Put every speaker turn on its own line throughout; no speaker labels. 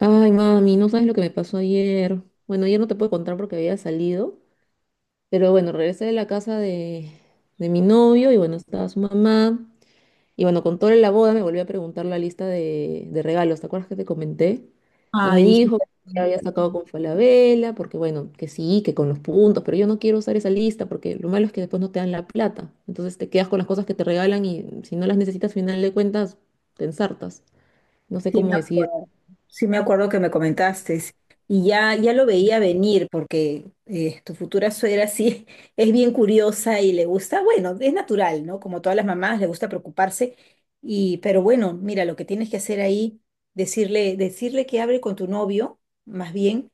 Ay, mami, no sabes lo que me pasó ayer. Bueno, ayer no te puedo contar porque había salido, pero bueno, regresé de la casa de mi novio y bueno, estaba su mamá. Y bueno, con toda la boda me volvió a preguntar la lista de regalos, ¿te acuerdas que te comenté? Y me
Ay,
dijo
hijita,
que había sacado con Falabella, porque bueno, que sí, que con los puntos, pero yo no quiero usar esa lista porque lo malo es que después no te dan la plata. Entonces te quedas con las cosas que te regalan y si no las necesitas, al final de cuentas, te ensartas. No sé
sí me
cómo decir.
acuerdo, sí me acuerdo que me comentaste y ya lo veía venir porque tu futura suegra sí es bien curiosa y le gusta, bueno, es natural, ¿no? Como todas las mamás, le gusta preocuparse pero bueno, mira, lo que tienes que hacer ahí, decirle que hable con tu novio, más bien,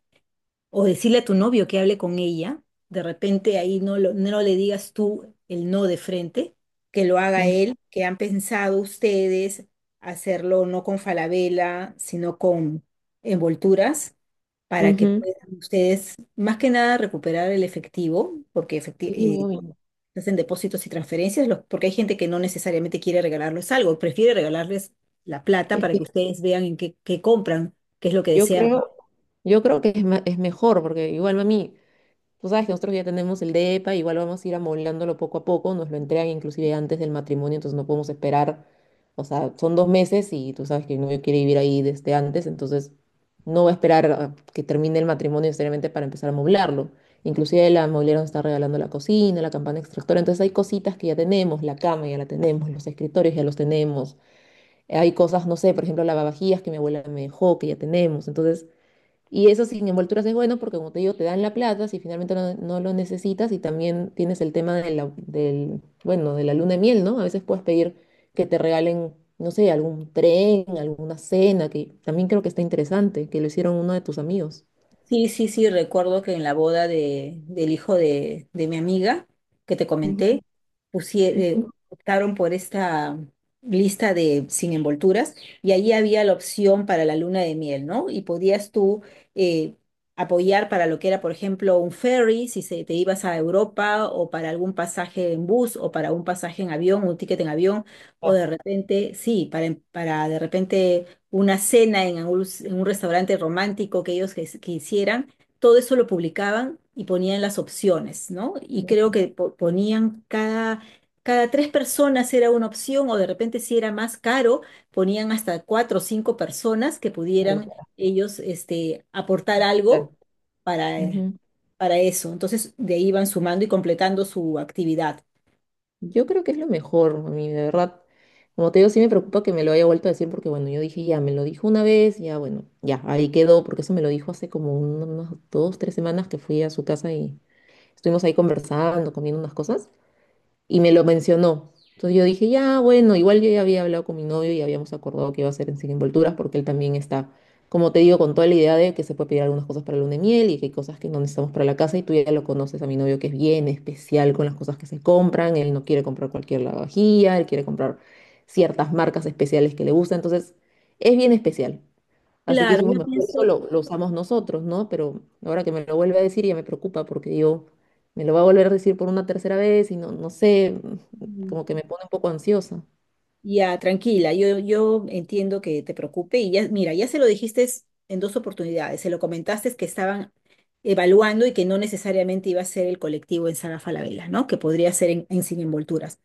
o decirle a tu novio que hable con ella, de repente ahí no, no le digas tú el no de frente, que lo haga
Mm.
él, que han pensado ustedes hacerlo no con Falabella, sino con envolturas, para que
Ujú.
puedan ustedes más que nada recuperar el efectivo, porque
Sí, obvio.
hacen depósitos y transferencias, porque hay gente que no necesariamente quiere regalarles algo, prefiere regalarles la plata
Es
para
que
que ustedes vean en qué, qué compran, qué es lo que
yo
desean.
creo, yo creo que es mejor, porque igual, mami, tú sabes que nosotros ya tenemos el DEPA, igual vamos a ir amoblándolo poco a poco, nos lo entregan inclusive antes del matrimonio, entonces no podemos esperar, o sea, son 2 meses y tú sabes que no quiere vivir ahí desde antes, entonces no va a esperar a que termine el matrimonio necesariamente para empezar a amoblarlo. Inclusive la mobiliaria nos está regalando la cocina, la campana extractora, entonces hay cositas que ya tenemos, la cama ya la tenemos, los escritorios ya los tenemos, hay cosas, no sé, por ejemplo, lavavajillas que mi abuela me dejó, que ya tenemos, entonces. Y eso sin envolturas es bueno porque, como te digo, te dan la plata si finalmente no lo necesitas y también tienes el tema de la, del, bueno, de la luna de miel, ¿no? A veces puedes pedir que te regalen, no sé, algún tren, alguna cena, que también creo que está interesante, que lo hicieron uno de tus amigos.
Sí, sí, sí, recuerdo que en la boda del hijo de mi amiga que te comenté,
Ujú.
pusie- eh, optaron por esta lista de sin envolturas y ahí había la opción para la luna de miel, ¿no? Y podías tú eh, apoyar para lo que era, por ejemplo, un ferry, si se, te ibas a Europa o para algún pasaje en bus o para un pasaje en avión, un ticket en avión, o
Ah,
de repente, sí, para de repente una cena en un restaurante romántico que ellos quisieran, todo eso lo publicaban y ponían las opciones, ¿no? Y creo que ponían cada tres personas era una opción o de repente si era más caro, ponían hasta cuatro o cinco personas que
claro,
pudieran
claro,
ellos este, aportar
claro.
algo para, eh,
Ujú.
para eso. Entonces de ahí iban sumando y completando su actividad.
Yo creo que es lo mejor, a mí, de verdad. Como te digo, sí me preocupa que me lo haya vuelto a decir porque, bueno, yo dije, ya, me lo dijo una vez, ya, bueno, ya, ahí quedó, porque eso me lo dijo hace como unas dos, tres semanas que fui a su casa y estuvimos ahí conversando, comiendo unas cosas y me lo mencionó. Entonces yo dije, ya, bueno, igual yo ya había hablado con mi novio y habíamos acordado que iba a ser en sin envolturas porque él también está, como te digo, con toda la idea de que se puede pedir algunas cosas para el luna de miel y que hay cosas que no necesitamos para la casa y tú ya lo conoces a mi novio que es bien especial con las cosas que se compran, él no quiere comprar cualquier lavavajilla, él quiere comprar ciertas marcas especiales que le gustan, entonces es bien especial. Así que
Claro,
dijimos,
yo
mejor eso
pienso...
lo usamos nosotros, ¿no? Pero ahora que me lo vuelve a decir ya me preocupa porque yo me lo va a volver a decir por una tercera vez y no sé, como que me pone un poco ansiosa.
Ya, tranquila, yo entiendo que te preocupe y ya, mira, ya se lo dijiste en dos oportunidades, se lo comentaste que estaban evaluando y que no necesariamente iba a ser el colectivo en Sala Falabella, ¿no? Que podría ser en Sin Envolturas.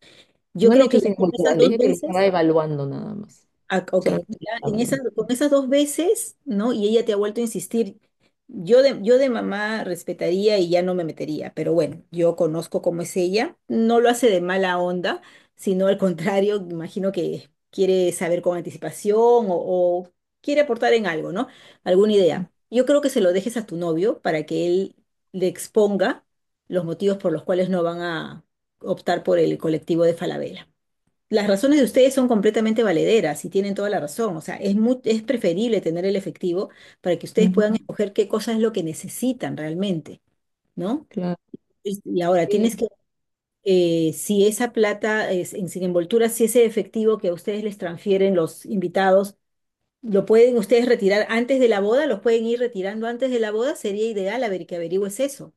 Yo
No le he
creo que
hecho
ya
sin
con
cultura,
esas
le
dos
dije que lo estaba
veces,
evaluando nada más.
Ah, ok,
Solamente lo
ya
estaba
en esas,
evaluando.
con esas dos veces, ¿no? Y ella te ha vuelto a insistir. Yo de mamá respetaría y ya no me metería, pero bueno, yo conozco cómo es ella. No lo hace de mala onda, sino al contrario, imagino que quiere saber con anticipación o quiere aportar en algo, ¿no? Alguna idea. Yo creo que se lo dejes a tu novio para que él le exponga los motivos por los cuales no van a optar por el colectivo de Falabella. Las razones de ustedes son completamente valederas y tienen toda la razón. O sea, es preferible tener el efectivo para que ustedes
Ujú.
puedan escoger qué cosa es lo que necesitan realmente, ¿no?
Claro.
Y ahora
Sí.
tienes que, si esa plata es sin envoltura, si ese efectivo que a ustedes les transfieren los invitados, lo pueden ustedes retirar antes de la boda, los pueden ir retirando antes de la boda, sería ideal a ver que averigües eso.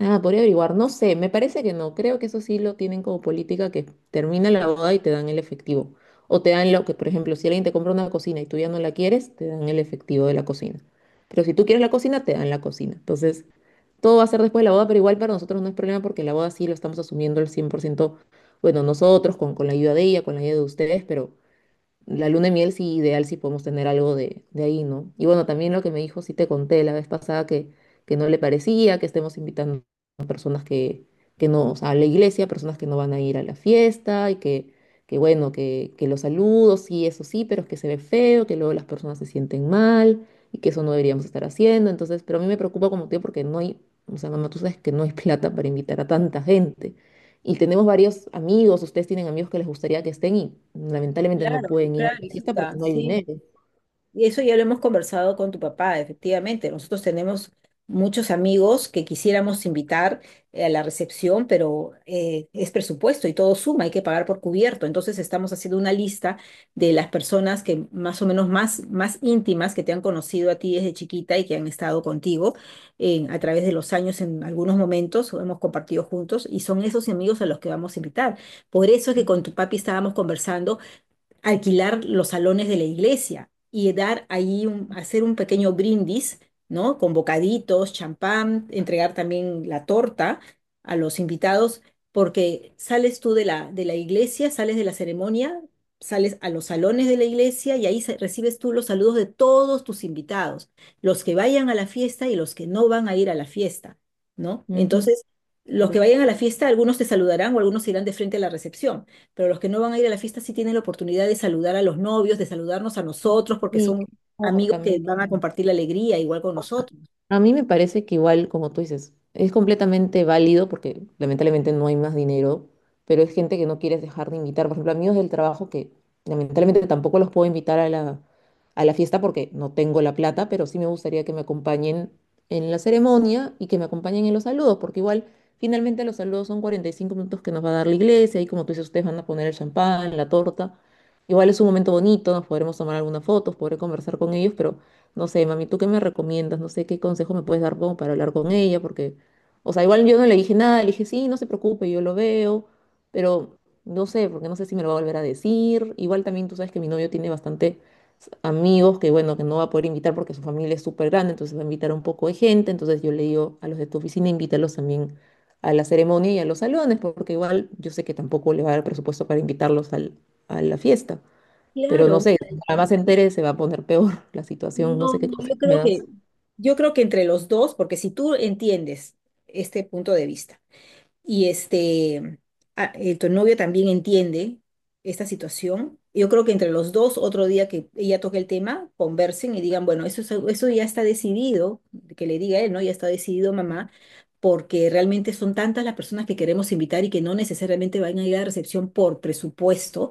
Ah, podría averiguar, no sé, me parece que no, creo que eso sí lo tienen como política que termina la boda y te dan el efectivo. O te dan lo que, por ejemplo, si alguien te compra una cocina y tú ya no la quieres, te dan el efectivo de la cocina. Pero si tú quieres la cocina, te dan la cocina. Entonces, todo va a ser después de la boda, pero igual para nosotros no es problema porque la boda sí lo estamos asumiendo al 100%. Bueno, nosotros, con la ayuda de ella, con la ayuda de ustedes, pero la luna de miel sí, ideal si podemos tener algo de ahí, ¿no? Y bueno, también lo que me dijo, sí te conté la vez pasada que no le parecía que estemos invitando a personas que no, o sea, a la iglesia, personas que no van a ir a la fiesta y que bueno, que los saludos, sí, eso sí, pero es que se ve feo, que luego las personas se sienten mal y que eso no deberíamos estar haciendo. Entonces, pero a mí me preocupa como tío porque no hay, o sea, mamá, tú sabes que no hay plata para invitar a tanta gente. Y tenemos varios amigos, ustedes tienen amigos que les gustaría que estén y lamentablemente no
Claro,
pueden ir a
claro,
la fiesta porque
hijita,
no hay
sí.
dinero.
Y eso ya lo hemos conversado con tu papá, efectivamente. Nosotros tenemos muchos amigos que quisiéramos invitar a la recepción, pero es presupuesto y todo suma, hay que pagar por cubierto. Entonces estamos haciendo una lista de las personas que más o menos más íntimas que te han conocido a ti desde chiquita y que han estado contigo a través de los años en algunos momentos, o hemos compartido juntos, y son esos amigos a los que vamos a invitar. Por eso es que con tu papi estábamos conversando alquilar los salones de la iglesia y dar ahí hacer un pequeño brindis, ¿no? Con bocaditos, champán, entregar también la torta a los invitados, porque sales tú de la iglesia, sales de la ceremonia, sales a los salones de la iglesia y ahí recibes tú los saludos de todos tus invitados, los que vayan a la fiesta y los que no van a ir a la fiesta, ¿no?
Ujú,
Entonces, los que
claro.
vayan a la fiesta, algunos te saludarán o algunos irán de frente a la recepción, pero los que no van a ir a la fiesta sí tienen la oportunidad de saludar a los novios, de saludarnos a nosotros, porque
Y
son
por
amigos que
también.
van a compartir la alegría igual con nosotros.
A mí me parece que igual, como tú dices, es completamente válido porque lamentablemente no hay más dinero, pero es gente que no quieres dejar de invitar. Por ejemplo, amigos del trabajo que lamentablemente tampoco los puedo invitar a la fiesta porque no tengo la plata, pero sí me gustaría que me acompañen en la ceremonia y que me acompañen en los saludos, porque igual finalmente los saludos son 45 minutos que nos va a dar la iglesia y como tú dices, ustedes van a poner el champán, la torta. Igual es un momento bonito, nos podremos tomar algunas fotos, podré conversar con ellos. Pero... No sé, mami, ¿tú qué me recomiendas? No sé qué consejo me puedes dar como para hablar con ella, porque, o sea, igual yo no le dije nada, le dije, sí, no se preocupe, yo lo veo, pero no sé, porque no sé si me lo va a volver a decir. Igual también tú sabes que mi novio tiene bastante amigos que, bueno, que no va a poder invitar porque su familia es súper grande, entonces va a invitar a un poco de gente, entonces yo le digo a los de tu oficina, invítalos también a la ceremonia y a los salones, porque igual yo sé que tampoco le va a dar presupuesto para invitarlos a la fiesta. Pero no
Claro,
sé, para más se entere, se va a poner peor la situación, no
no,
sé qué cosas
yo
me
creo
das.
que, yo creo que entre los dos, porque si tú entiendes este punto de vista. Y este, tu novio también entiende esta situación. Yo creo que entre los dos, otro día que ella toque el tema, conversen y digan, bueno, es eso, ya está decidido, que le diga él, ¿no? Ya está decidido, mamá, porque realmente son tantas las personas que queremos invitar y que no necesariamente van a ir a la recepción por presupuesto,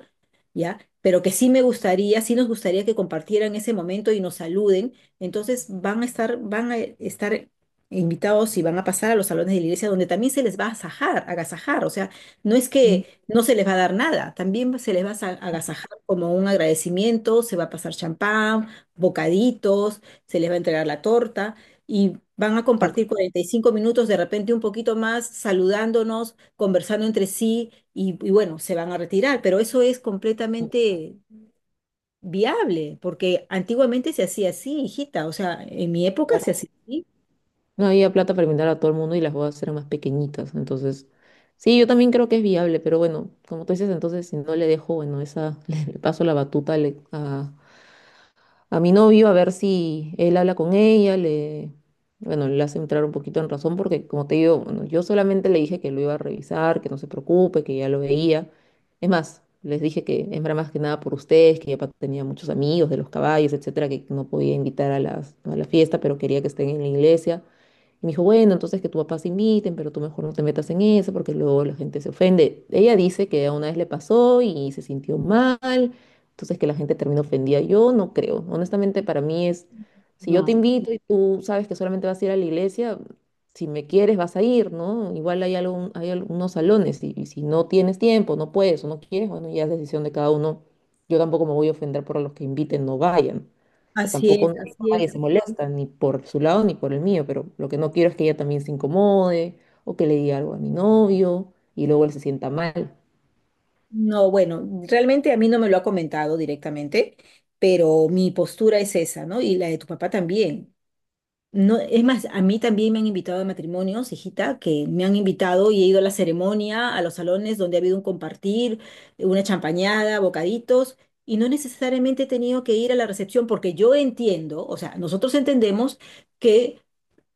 ¿ya? Pero que sí me gustaría, sí nos gustaría que compartieran ese momento y nos saluden, entonces van a estar invitados, si van a pasar a los salones de la iglesia donde también se les va a agasajar, o sea, no es
Mm.
que no se les va a dar nada, también se les va a agasajar como un agradecimiento, se va a pasar champán, bocaditos, se les va a entregar la torta y van a
Ah,
compartir 45 minutos, de repente un poquito más, saludándonos, conversando entre sí y bueno, se van a retirar, pero eso es completamente viable, porque antiguamente se hacía así, hijita, o sea, en mi época se
claro.
hacía así.
No había plata para invitar a todo el mundo y las bodas eran más pequeñitas, entonces sí, yo también creo que es viable, pero bueno, como tú dices, entonces si no le dejo, bueno, esa le paso la batuta a mi novio a ver si él habla con ella, bueno, le hace entrar un poquito en razón porque, como te digo, bueno, yo solamente le dije que lo iba a revisar, que no se preocupe, que ya lo veía. Es más, les dije que era más que nada por ustedes, que ya tenía muchos amigos de los caballos, etcétera, que no podía invitar a la fiesta, pero quería que estén en la iglesia. Y me dijo, bueno, entonces que tu papá se inviten, pero tú mejor no te metas en eso porque luego la gente se ofende. Ella dice que una vez le pasó y se sintió mal, entonces que la gente terminó ofendida. Yo no creo. Honestamente, para mí es, si yo te
No.
invito y tú sabes que solamente vas a ir a la iglesia, si me quieres vas a ir, ¿no? Igual hay algunos salones y si no tienes tiempo, no puedes o no quieres, bueno, ya es decisión de cada uno. Yo tampoco me voy a ofender por los que inviten, no vayan. O sea,
Así
tampoco
es,
no digo,
así
nadie se
es.
molesta, ni por su lado ni por el mío, pero lo que no quiero es que ella también se incomode o que le diga algo a mi novio y luego él se sienta mal.
No, bueno, realmente a mí no me lo ha comentado directamente, pero mi postura es esa, ¿no? Y la de tu papá también. No, es más, a mí también me han invitado a matrimonios, hijita, que me han invitado y he ido a la ceremonia, a los salones donde ha habido un compartir, una champañada, bocaditos, y no necesariamente he tenido que ir a la recepción, porque yo entiendo, o sea, nosotros entendemos que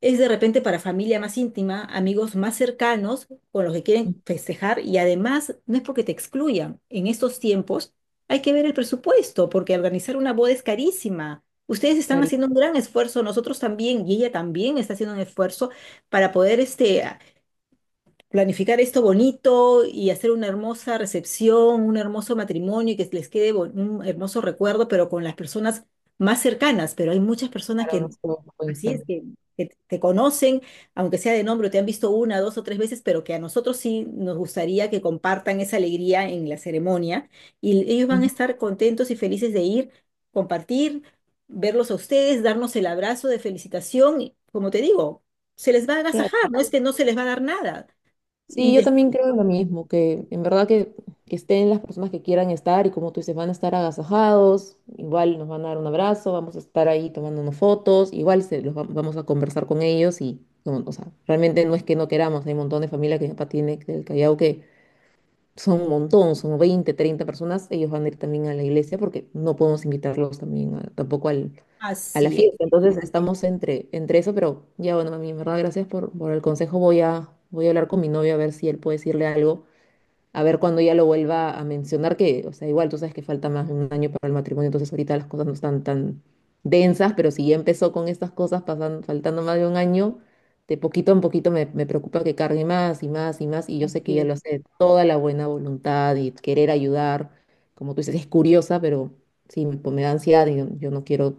es de repente para familia más íntima, amigos más cercanos con los que quieren
Ujú.
festejar, y además no es porque te excluyan. En estos tiempos hay que ver el presupuesto porque organizar una boda es carísima. Ustedes están
Cari-
haciendo un gran esfuerzo, nosotros también, y ella también está haciendo un esfuerzo para poder este, planificar esto bonito y hacer una hermosa recepción, un hermoso matrimonio, y que les quede un hermoso recuerdo, pero con las personas más cercanas. Pero hay muchas personas
claro, no
que,
sé cómo pueden
así
estar.
es, que te conocen, aunque sea de nombre, te han visto una, dos o tres veces, pero que a nosotros sí nos gustaría que compartan esa alegría en la ceremonia, y ellos van a
Ujú.
estar contentos y felices de ir, compartir, verlos a ustedes, darnos el abrazo de felicitación, y, como te digo, se les va a agasajar,
Claro.
no es que no se les va a dar nada, y
Sí, yo
de-
también creo lo mismo, que en verdad que estén las personas que quieran estar y como tú dices, van a estar agasajados, igual nos van a dar un abrazo, vamos a estar ahí tomándonos fotos, igual vamos a conversar con ellos y, como, o sea, realmente no es que no queramos, hay un montón de familia que mi papá tiene del Callao que son un montón, son 20, 30 personas, ellos van a ir también a la iglesia porque no podemos invitarlos también tampoco a la
así
fiesta.
es,
Entonces estamos entre eso, pero ya bueno, mami, en verdad, gracias por el consejo. Voy a hablar con mi novio a ver si él puede decirle algo a ver cuando ya lo vuelva a mencionar, que, o sea, igual tú sabes que falta más de un año para el matrimonio, entonces ahorita las cosas no están tan densas, pero si ya empezó con estas cosas pasando, faltando más de un año, de poquito en poquito me preocupa que cargue más y más y más, y yo sé que
así
ella
es,
lo hace de toda la buena voluntad y querer ayudar, como tú dices, es curiosa, pero sí, pues me da ansiedad y yo no quiero,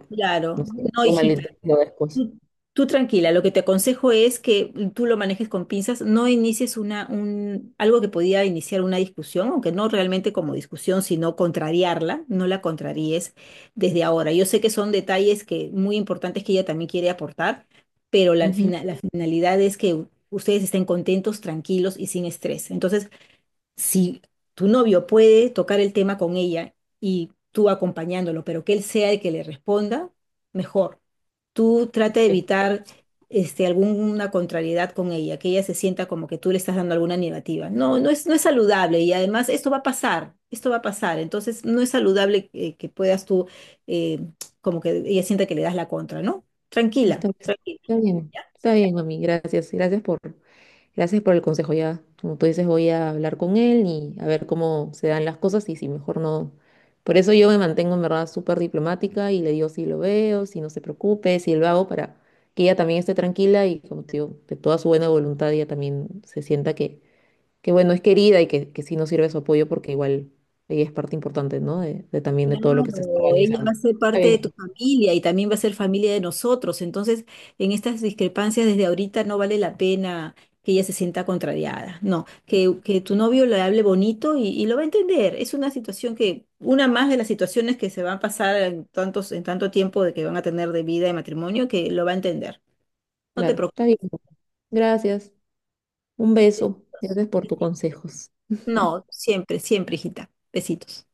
no
claro.
sé,
No,
un
hijita,
malentendido después.
tú, tú tranquila, lo que te aconsejo es que tú lo manejes con pinzas, no inicies algo que podía iniciar una discusión, aunque no realmente como discusión, sino contrariarla, no la contraríes desde ahora. Yo sé que son detalles, que muy importantes que ella también quiere aportar, pero la,
Ujú.
fina- la finalidad es que ustedes estén contentos, tranquilos y sin estrés. Entonces, si tu novio puede tocar el tema con ella y tú acompañándolo, pero que él sea el que le responda, mejor. Tú trata de evitar este, alguna contrariedad con ella, que ella se sienta como que tú le estás dando alguna negativa. No, no es saludable, y además esto va a pasar, esto va a pasar. Entonces no es saludable que puedas tú, eh, como que ella sienta que le das la contra, ¿no? Tranquila,
Está,
tranquila.
está bien, está bien, mami. Gracias por el consejo. Ya, como tú dices, voy a hablar con él y a ver cómo se dan las cosas y si mejor no. Por eso yo me mantengo en verdad súper diplomática y le digo si lo veo, si no se preocupe, si lo hago para que ella también esté tranquila y como te digo, de toda su buena voluntad ella también se sienta que bueno, es querida y que sí nos sirve su apoyo porque igual ella es parte importante, ¿no? De también de todo lo que se está
Claro, ella
organizando.
va a ser
Está
parte de tu
bien,
familia y también va a ser familia de nosotros. Entonces, en estas discrepancias desde ahorita no vale la pena que ella se sienta contrariada. No, que tu novio le hable bonito y lo va a entender. Es una situación que, una más de las situaciones que se van a pasar en tanto tiempo de que van a tener de vida y matrimonio, que lo va a entender. No te
claro, está
preocupes.
bien. Gracias. Un beso. Gracias por tus
Besitos.
consejos.
No, siempre, siempre, hijita. Besitos.